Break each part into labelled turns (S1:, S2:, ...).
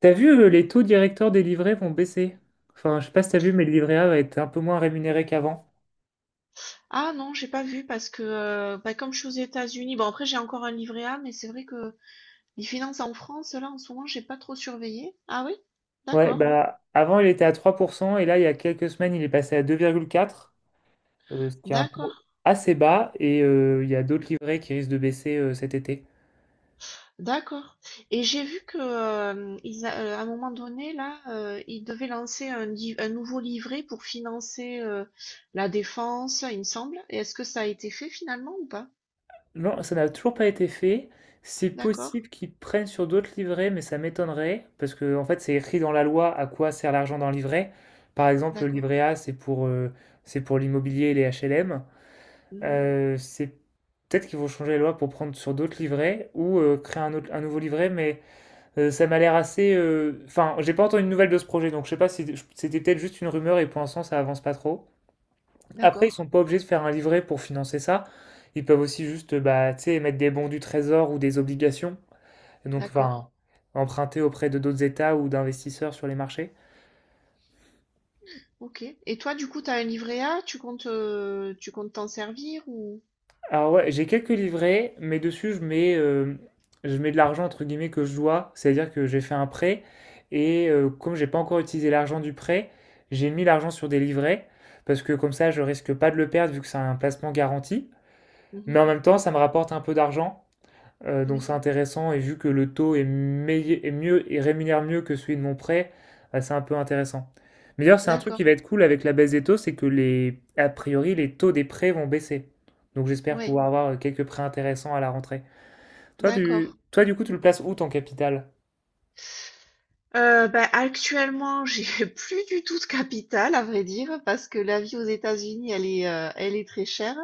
S1: T'as vu, les taux directeurs des livrets vont baisser. Enfin, je sais pas si t'as vu, mais le livret A va être un peu moins rémunéré qu'avant.
S2: Ah non, j'ai pas vu parce que bah, comme je suis aux États-Unis, bon après j'ai encore un livret A, mais c'est vrai que les finances en France, là en ce moment, j'ai pas trop surveillé. Ah oui?
S1: Ouais,
S2: D'accord,
S1: bah avant il était à 3% et là il y a quelques semaines il est passé à 2,4, ce qui est un taux
S2: d'accord,
S1: assez bas et il y a d'autres livrets qui risquent de baisser cet été.
S2: d'accord. Et j'ai vu que à un moment donné, là, ils devaient lancer un nouveau livret pour financer la défense, il me semble. Et est-ce que ça a été fait finalement ou pas?
S1: Non, ça n'a toujours pas été fait. C'est
S2: D'accord,
S1: possible qu'ils prennent sur d'autres livrets, mais ça m'étonnerait parce que en fait c'est écrit dans la loi à quoi sert l'argent d'un livret. Par exemple, le
S2: d'accord,
S1: livret A c'est pour l'immobilier et les HLM.
S2: mhm,
S1: C'est peut-être qu'ils vont changer les lois pour prendre sur d'autres livrets ou créer un, autre- un nouveau livret, mais ça m'a l'air assez. Enfin, j'ai pas entendu de nouvelles de ce projet, donc je sais pas si c'était peut-être juste une rumeur et pour l'instant ça avance pas trop. Après, ils sont
S2: d'accord,
S1: pas obligés de faire un livret pour financer ça. Ils peuvent aussi juste, bah, tu sais, mettre des bons du trésor ou des obligations. Et donc,
S2: d'accord.
S1: enfin, emprunter auprès de d'autres États ou d'investisseurs sur les marchés.
S2: OK. Et toi, du coup, tu as un livret A, tu comptes t'en servir ou
S1: Alors ouais, j'ai quelques livrets, mais dessus je mets de l'argent entre guillemets que je dois, c'est-à-dire que j'ai fait un prêt et comme j'ai pas encore utilisé l'argent du prêt, j'ai mis l'argent sur des livrets parce que comme ça je risque pas de le perdre vu que c'est un placement garanti, mais
S2: mhm.
S1: en même temps ça me rapporte un peu d'argent donc
S2: Oui,
S1: c'est intéressant et vu que le taux est, est mieux et rémunère mieux que celui de mon prêt, bah, c'est un peu intéressant. Mais d'ailleurs, c'est un truc qui
S2: d'accord.
S1: va être cool avec la baisse des taux, c'est que les, a priori, les taux des prêts vont baisser. Donc j'espère
S2: Ouais,
S1: pouvoir avoir quelques prêts intéressants à la rentrée. Toi, tu,
S2: d'accord.
S1: toi, du coup, tu le places où ton capital?
S2: Actuellement, j'ai plus du tout de capital, à vrai dire, parce que la vie aux États-Unis, elle est très chère.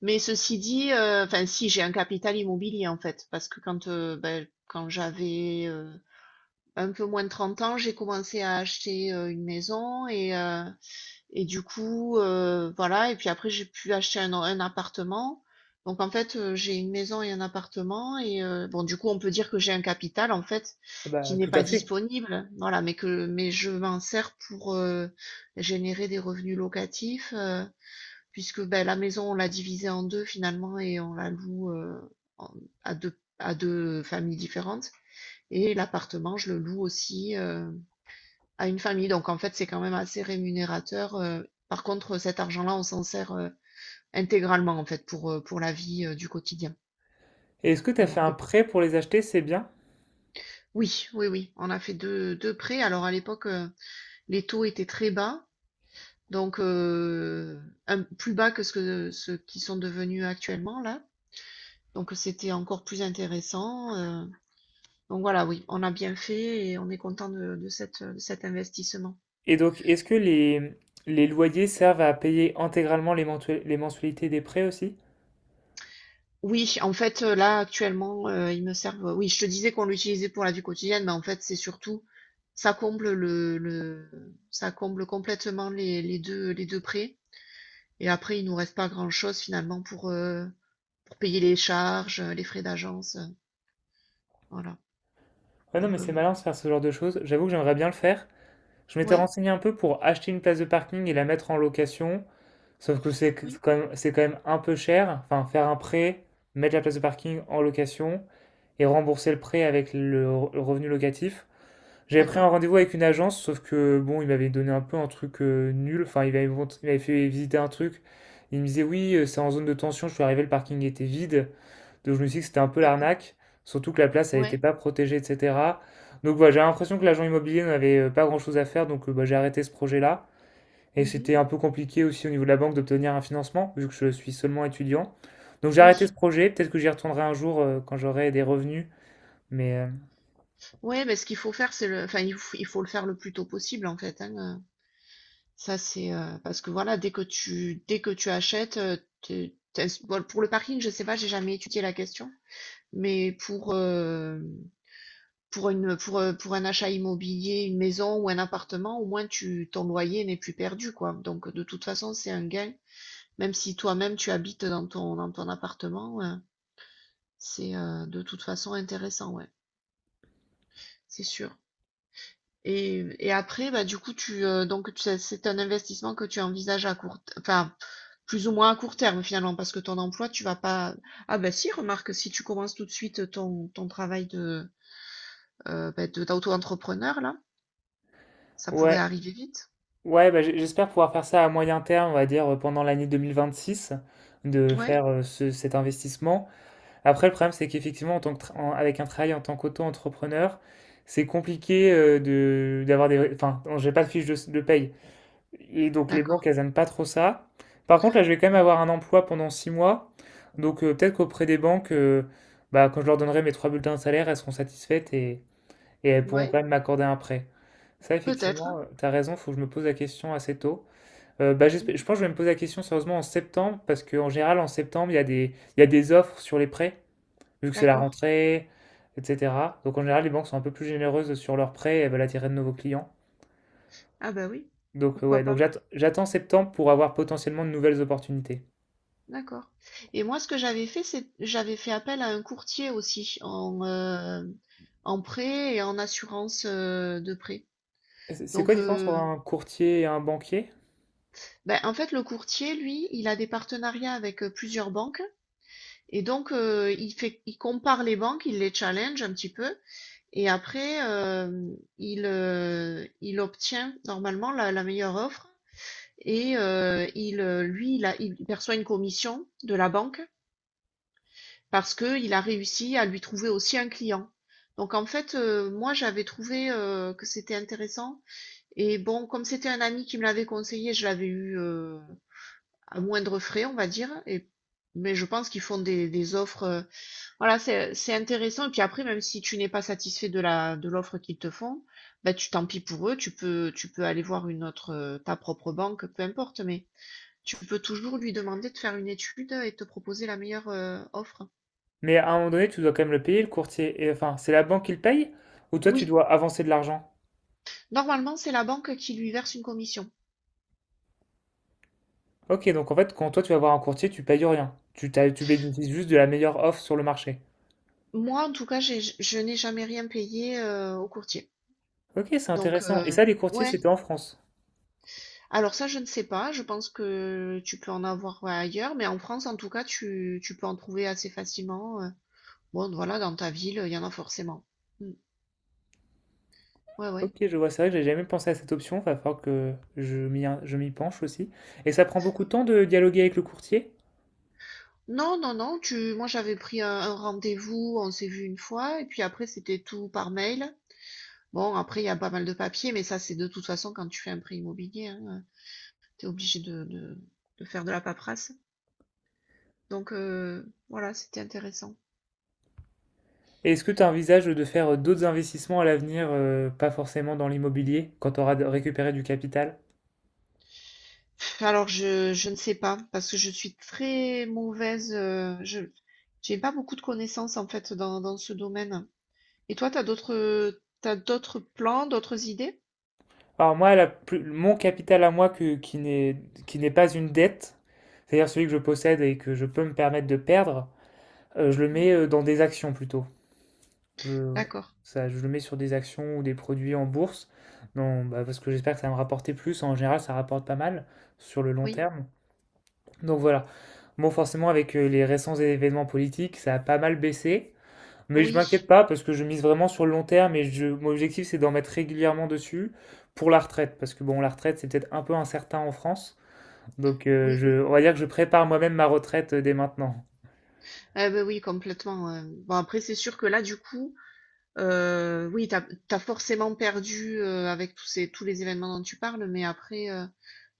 S2: Mais ceci dit, enfin, si j'ai un capital immobilier en fait, parce que quand j'avais un peu moins de 30 ans, j'ai commencé à acheter une maison et du coup, voilà et puis après j'ai pu acheter un appartement. Donc en fait, j'ai une maison et un appartement et bon du coup on peut dire que j'ai un capital en fait,
S1: Ah
S2: qui
S1: bah,
S2: n'est
S1: tout à
S2: pas
S1: fait.
S2: disponible, voilà, mais que mais je m'en sers pour, générer des revenus locatifs, puisque, ben la maison on l'a divisée en 2 finalement et on la loue, en à 2 à 2 familles différentes et l'appartement je le loue aussi, à une famille. Donc en fait, c'est quand même assez rémunérateur. Par contre, cet argent-là, on s'en sert intégralement en fait pour la vie du quotidien.
S1: Et est-ce que tu as
S2: Voilà.
S1: fait un prêt pour les acheter? C'est bien.
S2: Oui, oui, oui. On a fait deux prêts. Alors à l'époque, les taux étaient très bas, donc plus bas que ce que ceux qui sont devenus actuellement là. Donc c'était encore plus intéressant. Donc voilà, oui, on a bien fait et on est content de cette, de cet investissement.
S1: Et donc, est-ce que les loyers servent à payer intégralement les les mensualités des prêts aussi?
S2: Oui, en fait, là, actuellement, ils me servent oui, je te disais qu'on l'utilisait pour la vie quotidienne, mais en fait, c'est surtout ça comble le ça comble complètement les 2 prêts et après, il nous reste pas grand-chose finalement pour payer les charges, les frais d'agence, voilà.
S1: Ouais, non, mais
S2: Donc,
S1: c'est
S2: heu,
S1: malin de se faire ce genre de choses. J'avoue que j'aimerais bien le faire. Je m'étais
S2: ouais,
S1: renseigné un peu pour acheter une place de parking et la mettre en location, sauf que c'est
S2: oui,
S1: quand même, c'est quand même un peu cher. Enfin, faire un prêt, mettre la place de parking en location et rembourser le prêt avec le, le revenu locatif. J'avais pris un
S2: d'accord,
S1: rendez-vous avec une agence, sauf que bon, il m'avait donné un peu un truc nul. Enfin, il m'avait fait visiter un truc. Il me disait oui, c'est en zone de tension. Je suis arrivé, le parking était vide. Donc je me suis dit que c'était un peu
S2: d'accord.
S1: l'arnaque, surtout que la place, elle n'était
S2: Ouais.
S1: pas protégée, etc. Donc voilà, j'ai l'impression que l'agent immobilier n'avait pas grand-chose à faire, donc bah, j'ai arrêté ce projet-là. Et
S2: Mmh.
S1: c'était un peu compliqué aussi au niveau de la banque d'obtenir un financement, vu que je suis seulement étudiant. Donc j'ai arrêté
S2: Oui.
S1: ce projet, peut-être que j'y retournerai un jour quand j'aurai des revenus. Mais
S2: Ouais, mais ce qu'il faut faire, c'est le enfin, il faut le faire le plus tôt possible en fait, hein. Ça, c'est parce que voilà, dès que tu achètes, bon, pour le parking, je sais pas, j'ai jamais étudié la question, mais pour un achat immobilier, une maison ou un appartement, au moins tu ton loyer n'est plus perdu quoi. Donc de toute façon, c'est un gain, même si toi-même tu habites dans ton appartement, hein, c'est de toute façon intéressant, ouais, c'est sûr. Et après, bah, du coup, c'est un investissement que tu envisages à enfin, plus ou moins à court terme finalement, parce que ton emploi, tu vas pas. Ah bah si, remarque, si tu commences tout de suite ton travail de, d'auto-entrepreneur, là, ça pourrait
S1: ouais,
S2: arriver vite.
S1: ouais, bah, j'espère pouvoir faire ça à moyen terme, on va dire pendant l'année 2026, de
S2: Ouais,
S1: faire cet investissement. Après, le problème, c'est qu'effectivement, en tant que avec un travail en tant qu'auto-entrepreneur, c'est compliqué de d'avoir des... Enfin, j'ai pas de fiche de, de paye. Et donc, les banques,
S2: d'accord.
S1: elles aiment pas trop ça. Par contre, là, je vais quand même
S2: Ouais,
S1: avoir un emploi pendant 6 mois. Donc, peut-être qu'auprès des banques, bah, quand je leur donnerai mes trois bulletins de salaire, elles seront satisfaites et elles pourront
S2: ouais,
S1: quand même m'accorder un prêt. Ça,
S2: peut-être.
S1: effectivement,
S2: Hein.
S1: t'as raison, faut que je me pose la question assez tôt.
S2: Mm,
S1: Je pense que je vais me poser la question sérieusement en septembre, parce qu'en général, en septembre, il y a des offres sur les prêts vu que c'est la
S2: d'accord.
S1: rentrée, etc. Donc en général, les banques sont un peu plus généreuses sur leurs prêts et elles veulent attirer de nouveaux clients.
S2: Ah bah oui,
S1: Donc
S2: pourquoi
S1: ouais, donc
S2: pas.
S1: j'attends septembre pour avoir potentiellement de nouvelles opportunités.
S2: D'accord. Et moi, ce que j'avais fait, c'est j'avais fait appel à un courtier aussi en prêt et en assurance de prêt.
S1: C'est quoi
S2: Donc,
S1: la différence
S2: heu,
S1: entre un courtier et un banquier?
S2: en fait, le courtier, lui, il a des partenariats avec, plusieurs banques et donc, il compare les banques, il les challenge un petit peu et après, il obtient normalement la meilleure offre et il a il perçoit une commission de la banque parce que il a réussi à lui trouver aussi un client. Donc en fait, moi, j'avais trouvé, que c'était intéressant et bon, comme c'était un ami qui me l'avait conseillé, je l'avais eu, à moindre frais, on va dire. Mais je pense qu'ils font des offres. Voilà, c'est intéressant. Et puis après, même si tu n'es pas satisfait de de l'offre qu'ils te font, bah, tu tant pis pour eux. Tu peux aller voir une autre, ta propre banque, peu importe. Mais tu peux toujours lui demander de faire une étude et de te proposer la meilleure, offre.
S1: Mais à un moment donné, tu dois quand même le payer, le courtier. Et, enfin, c'est la banque qui le paye ou toi, tu
S2: Oui,
S1: dois avancer de l'argent?
S2: normalement, c'est la banque qui lui verse une commission.
S1: Ok, donc en fait, quand toi, tu vas voir un courtier, tu payes rien. Tu, tu bénéficies juste de la meilleure offre sur le marché.
S2: Moi, en tout cas, je n'ai jamais rien payé, au courtier.
S1: Ok, c'est
S2: Donc,
S1: intéressant. Et
S2: euh,
S1: ça, les courtiers,
S2: ouais.
S1: c'était en France.
S2: Alors ça, je ne sais pas. Je pense que tu peux en avoir ouais, ailleurs, mais en France, en tout cas, tu peux en trouver assez facilement. Bon, voilà, dans ta ville, il y en a forcément. Mm. Ouais, ouais.
S1: Ok, je vois, c'est vrai que j'ai jamais pensé à cette option, va falloir que je m'y penche aussi. Et ça prend beaucoup de temps de dialoguer avec le courtier?
S2: Non, non, non. Moi, j'avais pris un rendez-vous, on s'est vu une fois, et puis après, c'était tout par mail. Bon, après, il y a pas mal de papiers, mais ça, c'est de toute façon quand tu fais un prêt immobilier, hein, t'es obligé de faire de la paperasse. Donc voilà, c'était intéressant.
S1: Et est-ce que tu envisages de faire d'autres investissements à l'avenir, pas forcément dans l'immobilier, quand tu auras récupéré du capital?
S2: Alors je ne sais pas parce que je suis très mauvaise, je j'ai pas beaucoup de connaissances en fait dans ce domaine. Et toi, t'as d'autres plans, d'autres idées?
S1: Alors moi, mon capital à moi qui n'est, qui n'est pas une dette, c'est-à-dire celui que je possède et que je peux me permettre de perdre, je le
S2: Mmh.
S1: mets dans des actions plutôt. Je,
S2: D'accord.
S1: ça, je le mets sur des actions ou des produits en bourse, non, bah, parce que j'espère que ça va me rapporter plus. En général, ça rapporte pas mal sur le long
S2: Oui,
S1: terme. Donc voilà. Bon, forcément, avec les récents événements politiques, ça a pas mal baissé. Mais je
S2: oui,
S1: m'inquiète pas parce que je mise vraiment sur le long terme et mon objectif c'est d'en mettre régulièrement dessus pour la retraite, parce que bon la retraite c'est peut-être un peu incertain en France, donc
S2: oui.
S1: on va dire que je prépare moi-même ma retraite dès maintenant.
S2: Ah ben oui complètement, bon après c'est sûr que là du coup, oui t'as forcément perdu, avec tous ces tous les événements dont tu parles, mais après,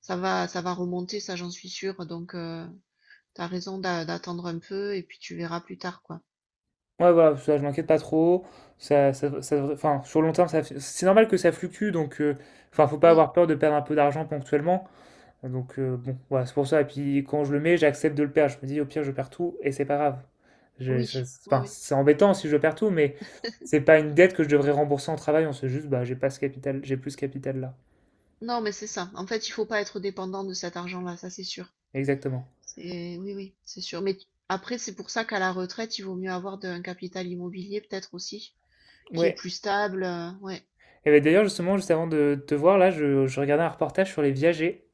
S2: ça va remonter ça j'en suis sûre donc tu raison d'attendre un peu et puis tu verras plus tard quoi.
S1: Ouais voilà, ça je m'inquiète pas trop, ça, enfin sur le long terme ça, c'est normal que ça fluctue, donc enfin faut pas
S2: Oui.
S1: avoir peur de perdre un peu d'argent ponctuellement. Donc bon, voilà, c'est pour ça. Et puis quand je le mets, j'accepte de le perdre. Je me dis au pire, je perds tout et c'est pas grave.
S2: Oui,
S1: C'est
S2: oui,
S1: enfin,
S2: oui.
S1: c'est embêtant si je perds tout, mais c'est pas une dette que je devrais rembourser en travaillant. C'est juste, bah, j'ai pas ce capital, j'ai plus ce capital là.
S2: Non, mais c'est ça. En fait, il faut pas être dépendant de cet argent-là, ça c'est sûr.
S1: Exactement.
S2: C'est oui, oui, c'est sûr. Mais après, c'est pour ça qu'à la retraite, il vaut mieux avoir un capital immobilier peut-être aussi, qui est
S1: Ouais.
S2: plus stable. Ouais,
S1: Et ben d'ailleurs, justement, juste avant de te voir là, je regardais un reportage sur les viagers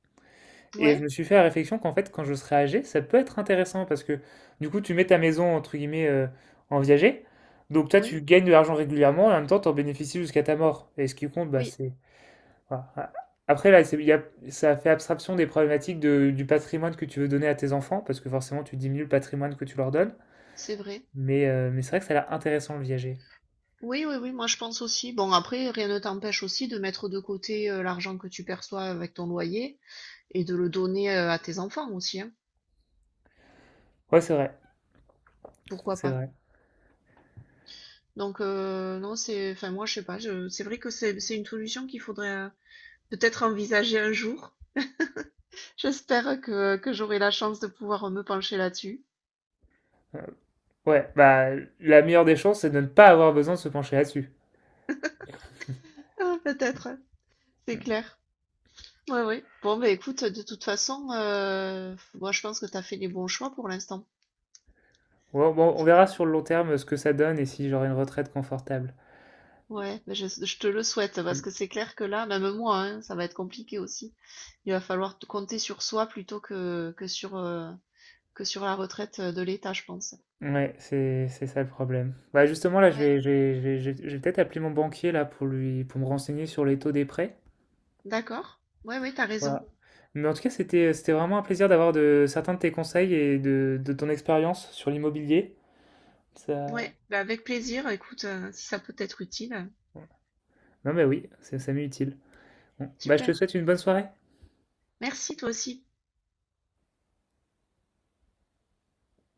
S1: et je
S2: ouais,
S1: me suis fait la réflexion qu'en fait, quand je serai âgé, ça peut être intéressant parce que du coup, tu mets ta maison entre guillemets en viager. Donc toi, tu
S2: oui,
S1: gagnes de l'argent régulièrement et en même temps, tu en bénéficies jusqu'à ta mort. Et ce qui compte, bah,
S2: oui,
S1: c'est voilà. Après, là, c'est- il y a- ça fait abstraction des problématiques du patrimoine que tu veux donner à tes enfants, parce que forcément, tu diminues le patrimoine que tu leur donnes.
S2: c'est vrai.
S1: Mais c'est vrai que ça a l'air intéressant le viager.
S2: Oui, oui, oui, moi je pense aussi. Bon, après, rien ne t'empêche aussi de mettre de côté l'argent que tu perçois avec ton loyer et de le donner à tes enfants aussi, hein.
S1: Ouais,
S2: Pourquoi
S1: c'est
S2: pas?
S1: vrai.
S2: Donc non, enfin moi je sais pas, c'est vrai que c'est une solution qu'il faudrait. Peut-être envisager un jour. J'espère que j'aurai la chance de pouvoir me pencher là-dessus.
S1: Euh, ouais, bah, la meilleure des chances, c'est de ne pas avoir besoin de se pencher là-dessus.
S2: Ah, peut-être, c'est
S1: Mm.
S2: clair. Oui oui. Bon, bah écoute, de toute façon, moi je pense que tu as fait les bons choix pour l'instant.
S1: Ouais, bon, on
S2: C'est
S1: verra
S2: bon?
S1: sur le long terme ce que ça donne et si j'aurai une retraite confortable.
S2: Ouais, mais je te le souhaite parce
S1: Mm.
S2: que c'est clair que là, même moi, hein, ça va être compliqué aussi. Il va falloir compter sur soi plutôt que sur la retraite de l'État, je pense.
S1: Ouais, c'est ça le problème. Bah, justement, là,
S2: Ouais,
S1: je vais peut-être appeler mon banquier là pour lui, pour me renseigner sur les taux des prêts.
S2: d'accord. Ouais, ouais, t'as
S1: Voilà.
S2: raison.
S1: Mais en tout cas, c'était, c'était vraiment un plaisir d'avoir de certains de tes conseils et de ton expérience sur l'immobilier. Ça...
S2: Ouais, bah avec plaisir, écoute, si ça peut être utile,
S1: ouais. Non mais oui, ça m'est utile. Bon. Bah, je
S2: super.
S1: te souhaite une bonne soirée.
S2: Merci toi aussi.